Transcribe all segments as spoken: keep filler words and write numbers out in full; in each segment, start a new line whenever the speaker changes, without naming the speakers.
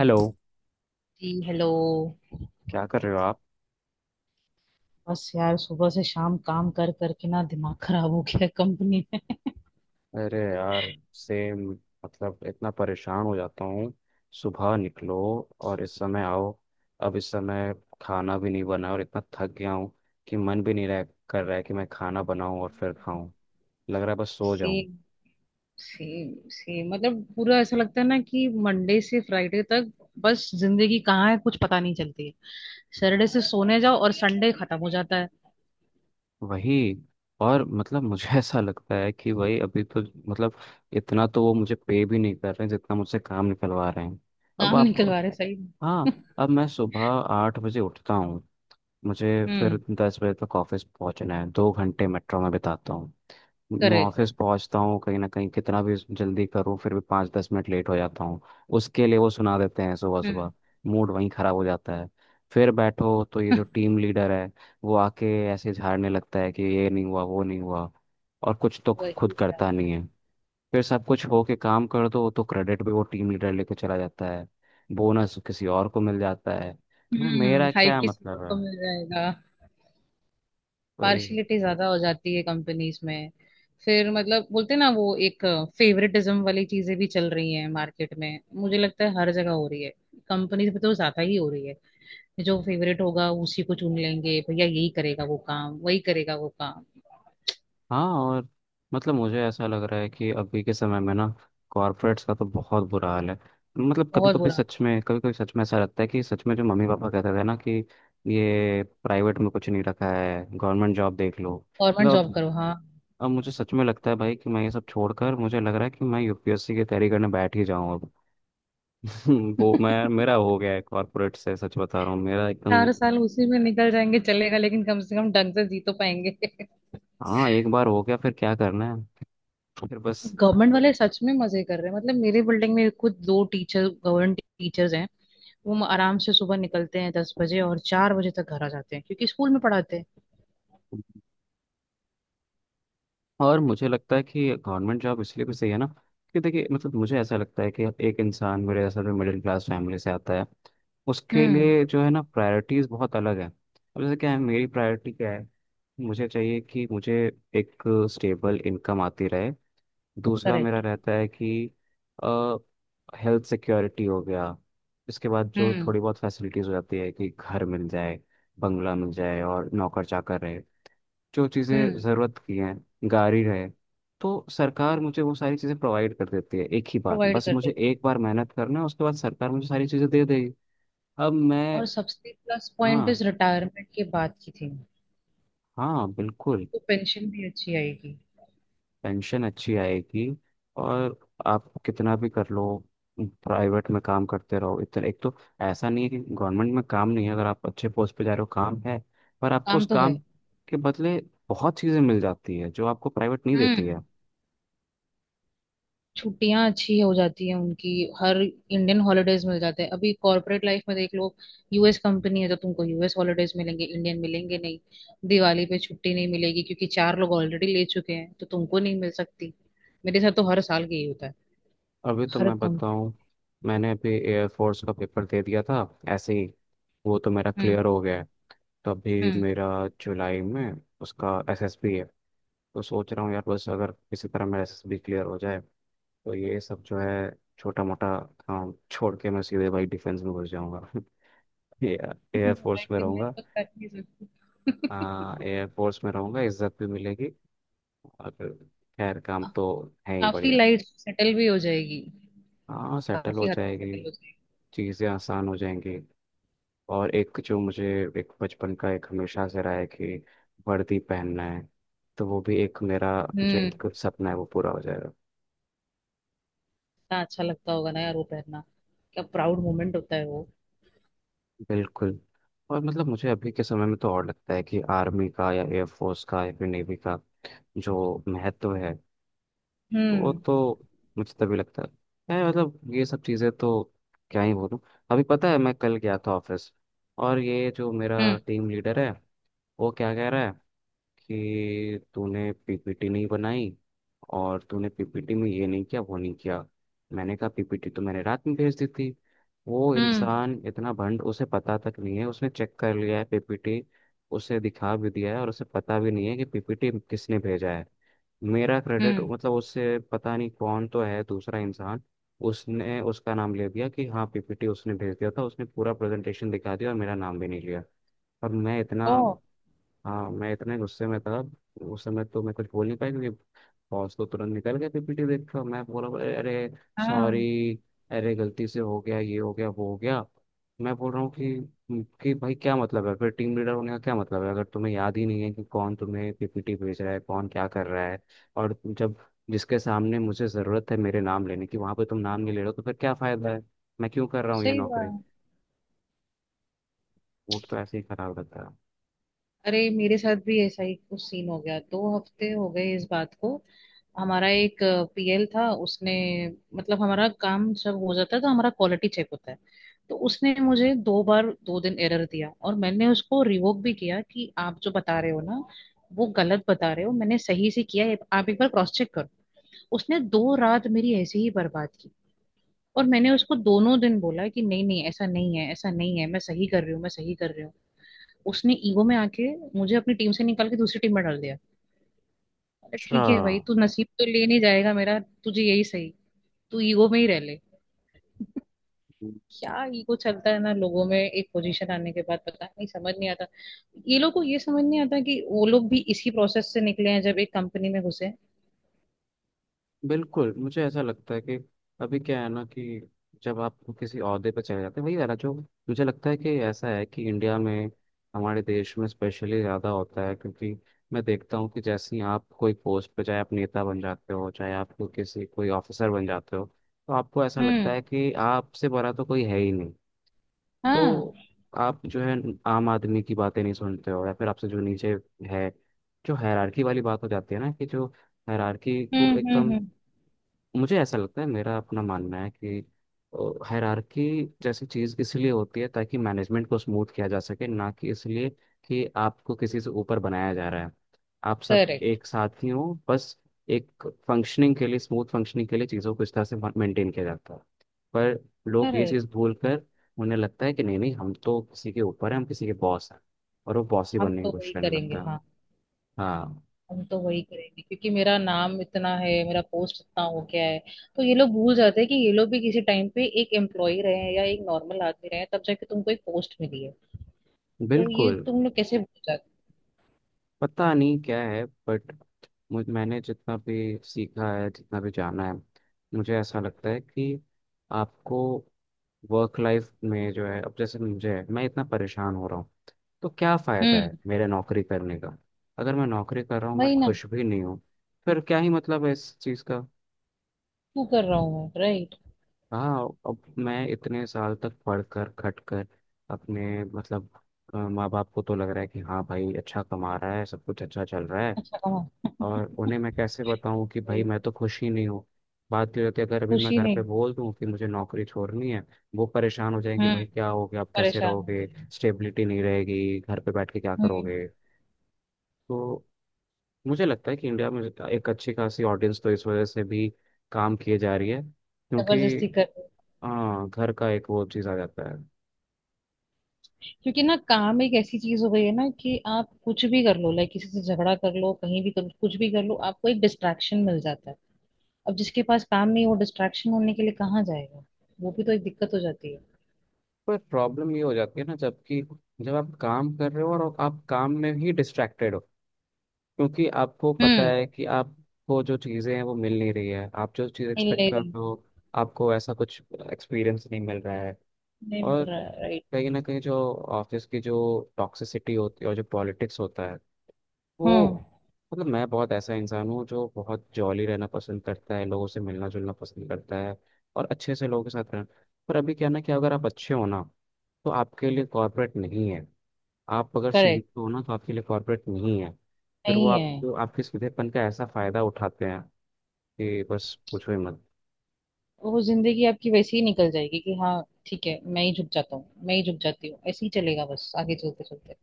Hello.
Ji hello.
क्या कर रहे हो आप?
बस यार सुबह से शाम काम कर करके ना दिमाग खराब हो गया कंपनी में।
अरे यार, सेम। मतलब इतना परेशान हो जाता हूँ। सुबह निकलो और इस समय आओ। अब इस समय खाना भी नहीं बना और इतना थक गया हूँ कि मन भी नहीं रह कर रहा है कि मैं खाना बनाऊं और फिर खाऊं। लग रहा है बस सो जाऊं।
सेम। सेम, सेम, मतलब पूरा ऐसा लगता है ना कि मंडे से फ्राइडे तक बस जिंदगी कहाँ है कुछ पता नहीं चलती है। सैटरडे से सोने जाओ और संडे खत्म हो जाता है।
वही। और मतलब मुझे ऐसा लगता है कि वही अभी तो, मतलब, इतना तो वो मुझे पे भी नहीं कर रहे हैं जितना मुझसे काम निकलवा रहे हैं। अब
काम
आप।
निकलवा रहे सही में।
हाँ, अब मैं सुबह आठ बजे उठता हूँ मुझे, फिर
हम्म।
दस बजे तक ऑफिस पहुंचना है, दो घंटे मेट्रो में बिताता हूँ, मैं
करेक्ट।
ऑफिस पहुंचता हूँ। कहीं ना कहीं कितना भी जल्दी करूँ फिर भी पाँच दस मिनट लेट हो जाता हूँ। उसके लिए वो सुना देते हैं सुबह सुबह।
हम्म।
मूड वहीं खराब हो जाता है। फिर बैठो तो ये जो टीम लीडर है वो आके ऐसे झाड़ने लगता है कि ये नहीं हुआ वो नहीं हुआ, और कुछ तो खुद
वही।
करता नहीं है। फिर सब कुछ हो के काम कर दो तो क्रेडिट भी वो टीम लीडर लेके चला जाता है, बोनस किसी और को मिल जाता है, तो फिर
हम्म,
मेरा
हाइक
क्या
की सुबह
मतलब है?
को मिल जाएगा।
कोई।
पार्शियलिटी ज्यादा हो जाती है कंपनीज में। फिर मतलब बोलते हैं ना वो एक फेवरेटिज्म वाली चीजें भी चल रही हैं मार्केट में, मुझे लगता है हर जगह हो रही है। कंपनीज में तो ज्यादा ही हो रही है। जो फेवरेट होगा उसी को चुन लेंगे, भैया यही करेगा वो काम, वही करेगा वो काम।
हाँ, और मतलब मुझे ऐसा लग रहा है कि अभी के समय में ना, कॉर्पोरेट्स का तो बहुत बुरा हाल है। मतलब कभी
बहुत
कभी
बुरा।
सच में कभी कभी सच में ऐसा लगता है कि सच में जो मम्मी पापा कहते थे ना कि ये प्राइवेट में कुछ नहीं रखा है, गवर्नमेंट जॉब देख लो।
गवर्नमेंट
मतलब
जॉब
अब
करो, हाँ।
अब मुझे सच में लगता है भाई कि मैं ये सब छोड़कर, मुझे लग रहा है कि मैं यू पी एस सी की तैयारी करने बैठ ही जाऊं अब। वो मैं मेरा हो गया है कॉर्पोरेट से, सच बता रहा हूँ, मेरा एकदम।
चार साल उसी में निकल जाएंगे चलेगा, लेकिन कम से कम ढंग से जी तो पाएंगे।
हाँ, एक बार हो गया फिर क्या करना है, फिर बस।
गवर्नमेंट वाले सच में मजे कर रहे हैं, मतलब मेरे बिल्डिंग में खुद दो टीचर गवर्नमेंट टीचर्स हैं। वो आराम से सुबह निकलते हैं दस बजे और चार बजे तक घर आ जाते हैं क्योंकि स्कूल में पढ़ाते हैं।
और मुझे लगता है कि गवर्नमेंट जॉब इसलिए भी सही है ना कि देखिए, मतलब मुझे ऐसा लगता है कि एक इंसान मेरे जैसा जो मिडिल क्लास फैमिली से आता है, उसके
हम्म।
लिए जो है ना प्रायोरिटीज़ बहुत अलग है। अब जैसे क्या है, मेरी प्रायोरिटी क्या है? मुझे चाहिए कि मुझे एक स्टेबल इनकम आती रहे। दूसरा मेरा
करेक्ट।
रहता है कि हेल्थ सिक्योरिटी हो गया। इसके बाद जो
हम्म।
थोड़ी बहुत फैसिलिटीज़ हो जाती है कि घर मिल जाए, बंगला मिल जाए और नौकर चाकर रहे, जो चीज़ें
हम्म।
ज़रूरत की हैं, गाड़ी है, तो सरकार मुझे वो सारी चीज़ें प्रोवाइड कर देती है। एक ही बार
प्रोवाइड
बस
करते
मुझे
हैं।
एक बार मेहनत करना है, उसके बाद सरकार मुझे सारी चीज़ें दे देगी। अब मैं।
और सबसे प्लस पॉइंट इस
हाँ,
रिटायरमेंट के बाद की थी।
हाँ बिल्कुल।
तो पेंशन भी अच्छी आएगी।
पेंशन अच्छी आएगी और आप कितना भी कर लो, प्राइवेट में काम करते रहो इतना। एक तो ऐसा नहीं है कि गवर्नमेंट में काम नहीं है, अगर आप अच्छे पोस्ट पे जा रहे हो काम है, पर आपको
काम
उस
तो है।
काम के बदले बहुत चीज़ें मिल जाती है जो आपको प्राइवेट नहीं देती है।
हम्म। छुट्टियां अच्छी हो जाती है उनकी। हर इंडियन हॉलीडेज मिल जाते हैं, अभी कॉर्पोरेट लाइफ में देख लो। यूएस कंपनी है तो तुमको यूएस हॉलीडेज मिलेंगे, इंडियन मिलेंगे नहीं। दिवाली पे छुट्टी नहीं मिलेगी क्योंकि चार लोग ऑलरेडी ले चुके हैं तो तुमको नहीं मिल सकती। मेरे साथ तो हर साल यही होता है।
अभी तो
हर
मैं
कम
बताऊं, मैंने अभी एयरफोर्स का पेपर दे दिया था ऐसे ही, वो तो मेरा
हम्म।
क्लियर हो गया है। तो अभी
हम्म।
मेरा जुलाई में उसका एस एस बी है, तो सोच रहा हूँ यार बस अगर किसी तरह मेरा एस एस बी क्लियर हो जाए, तो ये सब जो है छोटा मोटा काम छोड़ के मैं सीधे भाई डिफेंस में घुस जाऊंगा। एयरफोर्स में
मैं मैं
रहूंगा।
तो कर नहीं सकती
हाँ, एयरफोर्स में रहूंगा, इज्जत भी मिलेगी और खैर काम तो है ही
काफी
बढ़िया।
लाइफ सेटल भी हो जाएगी।
हाँ, सेटल हो
काफी हद तक
जाएगी,
सेटल हो जाएगी।
चीज़ें आसान हो जाएंगी। और एक जो मुझे एक बचपन का एक हमेशा से रहा है कि वर्दी पहनना है, तो वो भी एक मेरा जो
हम्म।
एक सपना है वो पूरा हो जाएगा।
इतना अच्छा लगता होगा ना यार वो पहनना। क्या
हाँ,
प्राउड मोमेंट होता है वो।
बिल्कुल। और मतलब मुझे अभी के समय में तो और लगता है कि आर्मी का या एयरफोर्स का या फिर नेवी का जो महत्व है वो
हम्म।
तो मुझे तभी लगता है है, मतलब ये सब चीज़ें तो क्या ही बोलूँ। अभी पता है मैं कल गया था ऑफिस और ये जो मेरा
हम्म।
टीम लीडर है वो क्या कह रहा है कि तूने पी पी टी नहीं बनाई, और तूने पी पी टी में ये नहीं किया वो नहीं किया। मैंने कहा, पी पी टी तो मैंने रात में भेज दी थी। वो
हम्म।
इंसान इतना भंड, उसे पता तक नहीं है, उसने चेक कर लिया है पी पी टी, उसे दिखा भी दिया है और उसे पता भी नहीं है कि पी पी टी किसने भेजा है। मेरा क्रेडिट
हम्म।
मतलब उससे पता नहीं कौन तो है दूसरा इंसान, उसने उसका नाम ले दिया कि हाँ पी पी टी उसने भेज दिया था, उसने पूरा प्रेजेंटेशन दिखा दिया और मेरा नाम भी नहीं लिया। और मैं इतना।
ओ।
हाँ, मैं इतने गुस्से में था, उस समय तो मैं कुछ बोल नहीं पाया क्योंकि बॉस तो तुरंत निकल गए पी पी टी देखकर। मैं बोला, अरे अरे
हाँ।
सॉरी, अरे गलती से हो गया ये हो गया वो हो गया। मैं बोल रहा हूँ कि कि भाई क्या मतलब है, फिर टीम लीडर होने का क्या मतलब है अगर तुम्हें याद ही नहीं है कि कौन तुम्हें पी पी टी भेज रहा है, कौन क्या कर रहा है। और जब जिसके सामने मुझे ज़रूरत है मेरे नाम लेने की वहाँ पे तुम नाम नहीं ले रहे हो तो फिर क्या फ़ायदा है? मैं क्यों कर रहा हूँ ये
सही
नौकरी?
बात।
मूड तो ऐसे ही खराब रहता है।
अरे मेरे साथ भी ऐसा ही कुछ सीन हो गया, दो हफ्ते हो गए इस बात को। हमारा एक पीएल था उसने, मतलब हमारा काम सब हो जाता है तो हमारा क्वालिटी चेक होता है। तो उसने मुझे दो बार दो दिन एरर दिया और मैंने उसको रिवोक भी किया कि आप जो बता रहे हो ना वो गलत बता रहे हो, मैंने सही से किया है, आप एक बार क्रॉस चेक करो। उसने दो रात मेरी ऐसे ही बर्बाद की। और मैंने उसको दोनों दिन बोला कि नहीं, नहीं, ऐसा नहीं है, ऐसा नहीं है, मैं सही कर रही हूँ, मैं सही कर रही हूँ। उसने ईगो में आके मुझे अपनी टीम से निकाल के दूसरी टीम में डाल दिया। अरे
अच्छा,
ठीक है भाई, तू नसीब तो ले नहीं जाएगा मेरा। तुझे यही सही। तू ईगो में ही रह ले। क्या ईगो चलता है ना लोगों में एक पोजीशन आने के बाद, पता नहीं समझ नहीं आता। ये लोग को ये समझ नहीं आता कि वो लोग भी इसी प्रोसेस से निकले हैं जब एक कंपनी में घुसे।
बिल्कुल, मुझे ऐसा लगता है कि अभी क्या है ना कि जब आप किसी ओहदे पर चले जाते हैं वही वाला जो, मुझे लगता है कि ऐसा है कि इंडिया में, हमारे देश में स्पेशली ज़्यादा होता है, क्योंकि मैं देखता हूँ कि जैसे ही आप कोई पोस्ट पे, चाहे आप नेता बन जाते हो चाहे आप कोई किसी कोई ऑफिसर बन जाते हो, तो आपको ऐसा
हम्म।
लगता है कि आपसे बड़ा तो कोई है ही नहीं, तो
हाँ।
आप जो है आम आदमी की बातें नहीं सुनते हो, या फिर आपसे जो नीचे है, जो हायरार्की वाली बात हो जाती है ना कि जो हायरार्की को
हम्म। हम्म।
एकदम।
हम्म।
मुझे ऐसा लगता है, मेरा अपना मानना है कि हायरार्की जैसी चीज़ इसलिए होती है ताकि मैनेजमेंट को स्मूथ किया जा सके, ना कि इसलिए कि आपको किसी से ऊपर बनाया जा रहा है। आप सब
करेक्ट।
एक साथ ही हो बस, एक फंक्शनिंग के लिए, स्मूथ फंक्शनिंग के लिए चीज़ों को इस तरह से मेंटेन किया जाता है। पर लोग ये चीज़
करेक्ट।
भूल कर उन्हें लगता है कि नहीं नहीं हम तो किसी के ऊपर हैं, हम किसी के बॉस हैं, और वो बॉस ही
हम
बनने की
तो
कोशिश
वही
करने
करेंगे,
लगता है।
हाँ।
हाँ,
हम तो वही करेंगे क्योंकि मेरा नाम इतना है, मेरा पोस्ट इतना हो गया है। तो ये लोग भूल जाते हैं कि ये लोग भी किसी टाइम पे एक एम्प्लॉय रहे हैं या एक नॉर्मल आदमी रहे हैं तब जाके तुमको एक पोस्ट मिली है। तो ये
बिल्कुल,
तुम लोग कैसे भूल जाते।
पता नहीं क्या है बट, मुझ मैंने जितना भी सीखा है, जितना भी जाना है, मुझे ऐसा लगता है कि आपको वर्क लाइफ में जो है, अब जैसे मुझे है मैं इतना परेशान हो रहा हूँ, तो क्या फ़ायदा है
हम्म।
मेरे नौकरी करने का? अगर मैं नौकरी कर रहा हूँ मैं
वही ना।
खुश भी नहीं हूँ, फिर क्या ही मतलब है इस चीज़ का?
तू कर रहा हूँ मैं, राइट।
हाँ, अब मैं इतने साल तक पढ़ कर, खट कर अपने मतलब, अ, माँ बाप को तो लग रहा है कि हाँ भाई अच्छा कमा रहा है, सब कुछ अच्छा चल रहा है,
अच्छा कमा
और उन्हें मैं कैसे बताऊं कि
रही
भाई
हूँ।
मैं तो खुश ही नहीं हूँ। बात ये होती है, अगर अभी मैं
खुशी
घर पे
नहीं।
बोल दूं कि मुझे नौकरी छोड़नी है, वो परेशान हो जाएंगे,
हम्म।
भाई क्या हो गया, आप कैसे
परेशान हो
रहोगे,
गई हूँ।
स्टेबिलिटी नहीं रहेगी, घर पे बैठ के क्या
हम्म।
करोगे। तो मुझे लगता है कि इंडिया में एक अच्छी खासी ऑडियंस तो इस वजह से भी काम किए जा रही है क्योंकि
जबरदस्ती कर रहे हो।
हाँ, घर का एक वो चीज़ आ जाता है।
क्योंकि ना काम एक ऐसी चीज हो गई है ना कि आप कुछ भी कर लो, लाइक किसी से झगड़ा कर लो, कहीं भी कर लो, कुछ भी कर लो, आपको एक डिस्ट्रैक्शन मिल जाता है। अब जिसके पास काम नहीं वो डिस्ट्रैक्शन होने के लिए कहाँ जाएगा। वो भी तो एक दिक्कत हो जाती है।
पर प्रॉब्लम ये हो जाती है ना, जबकि जब आप काम कर रहे हो और आप काम में ही डिस्ट्रैक्टेड हो, क्योंकि आपको पता
हम्म।
है कि आपको जो चीज़ें हैं वो मिल नहीं रही है, आप जो चीज़ एक्सपेक्ट कर
इंजीनियरिंग।
रहे हो, आपको ऐसा कुछ एक्सपीरियंस नहीं मिल रहा है। और
नहीं। राइट।
कहीं ना कहीं जो ऑफिस की जो टॉक्सिसिटी होती है और जो पॉलिटिक्स होता है,
हम्म।
वो, मतलब मैं बहुत ऐसा इंसान हूँ जो बहुत जॉली रहना पसंद करता है, लोगों से मिलना जुलना पसंद करता है और अच्छे से लोगों के साथ रहना। पर अभी क्या है ना कि अगर आप अच्छे हो ना तो आपके लिए कॉर्पोरेट नहीं है, आप अगर
करेक्ट।
सीखते हो ना तो आपके लिए कॉर्पोरेट नहीं है, फिर वो
नहीं
आप
है।
तो आपके सीधेपन का ऐसा फायदा उठाते हैं कि बस पूछो ही मत।
वो जिंदगी आपकी वैसे ही निकल जाएगी कि हाँ ठीक है, मैं ही झुक जाता हूँ, मैं ही झुक जाती हूँ, ऐसे ही चलेगा बस आगे चलते चलते।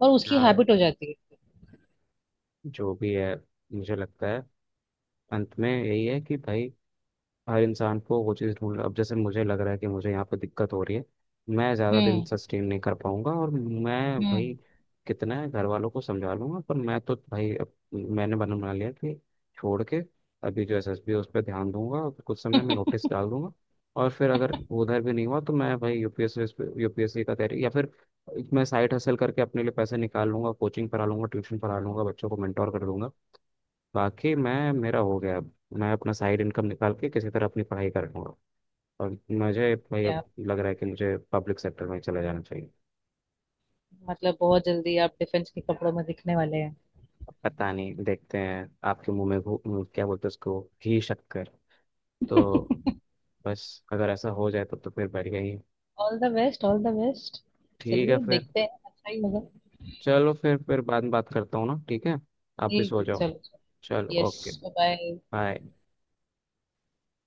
और उसकी
या
हैबिट हो जाती है।
जो भी है, मुझे लगता है अंत में यही है कि भाई हर इंसान को वो चीज़ ढूंढ। अब जैसे मुझे लग रहा है कि मुझे यहाँ पे दिक्कत हो रही है, मैं ज़्यादा दिन
हम्म।
सस्टेन नहीं कर पाऊंगा, और मैं भाई
हम्म।
कितना है घर वालों को समझा लूंगा, पर मैं तो भाई अब मैंने बना बना लिया कि छोड़ के अभी जो एस एस बी है उस पर ध्यान दूंगा और कुछ समय में नोटिस डाल दूंगा। और फिर अगर उधर भी नहीं हुआ तो मैं भाई यूपीएससी यूपीएससी का तैयारी, या फिर मैं साइड हसल करके अपने लिए पैसे निकाल लूंगा, कोचिंग पढ़ा लूंगा, ट्यूशन पढ़ा लूंगा, बच्चों को मेंटोर कर दूंगा। बाकी मैं मेरा हो गया अब, मैं अपना साइड इनकम निकाल के किसी तरह अपनी पढ़ाई कर लूंगा। और मुझे भाई अब
क्या।
लग रहा है कि मुझे पब्लिक सेक्टर में चला जाना चाहिए।
मतलब बहुत जल्दी आप डिफेंस के कपड़ों में दिखने वाले हैं।
अब पता नहीं देखते हैं, आपके मुंह में घू- मुंह- क्या बोलते हैं उसको, घी शक्कर। तो बस, अगर ऐसा हो जाए तब तो फिर बढ़िया ही है।
All the best, all the best.
ठीक है
चलिए
फिर,
देखते हैं, अच्छा ही होगा।
चलो फिर फिर बाद में बात करता हूँ ना, ठीक है, आप भी
ठीक
सो
है,
जाओ।
चलो, चलो।
चलो, ओके,
यस। बाय।
बाय।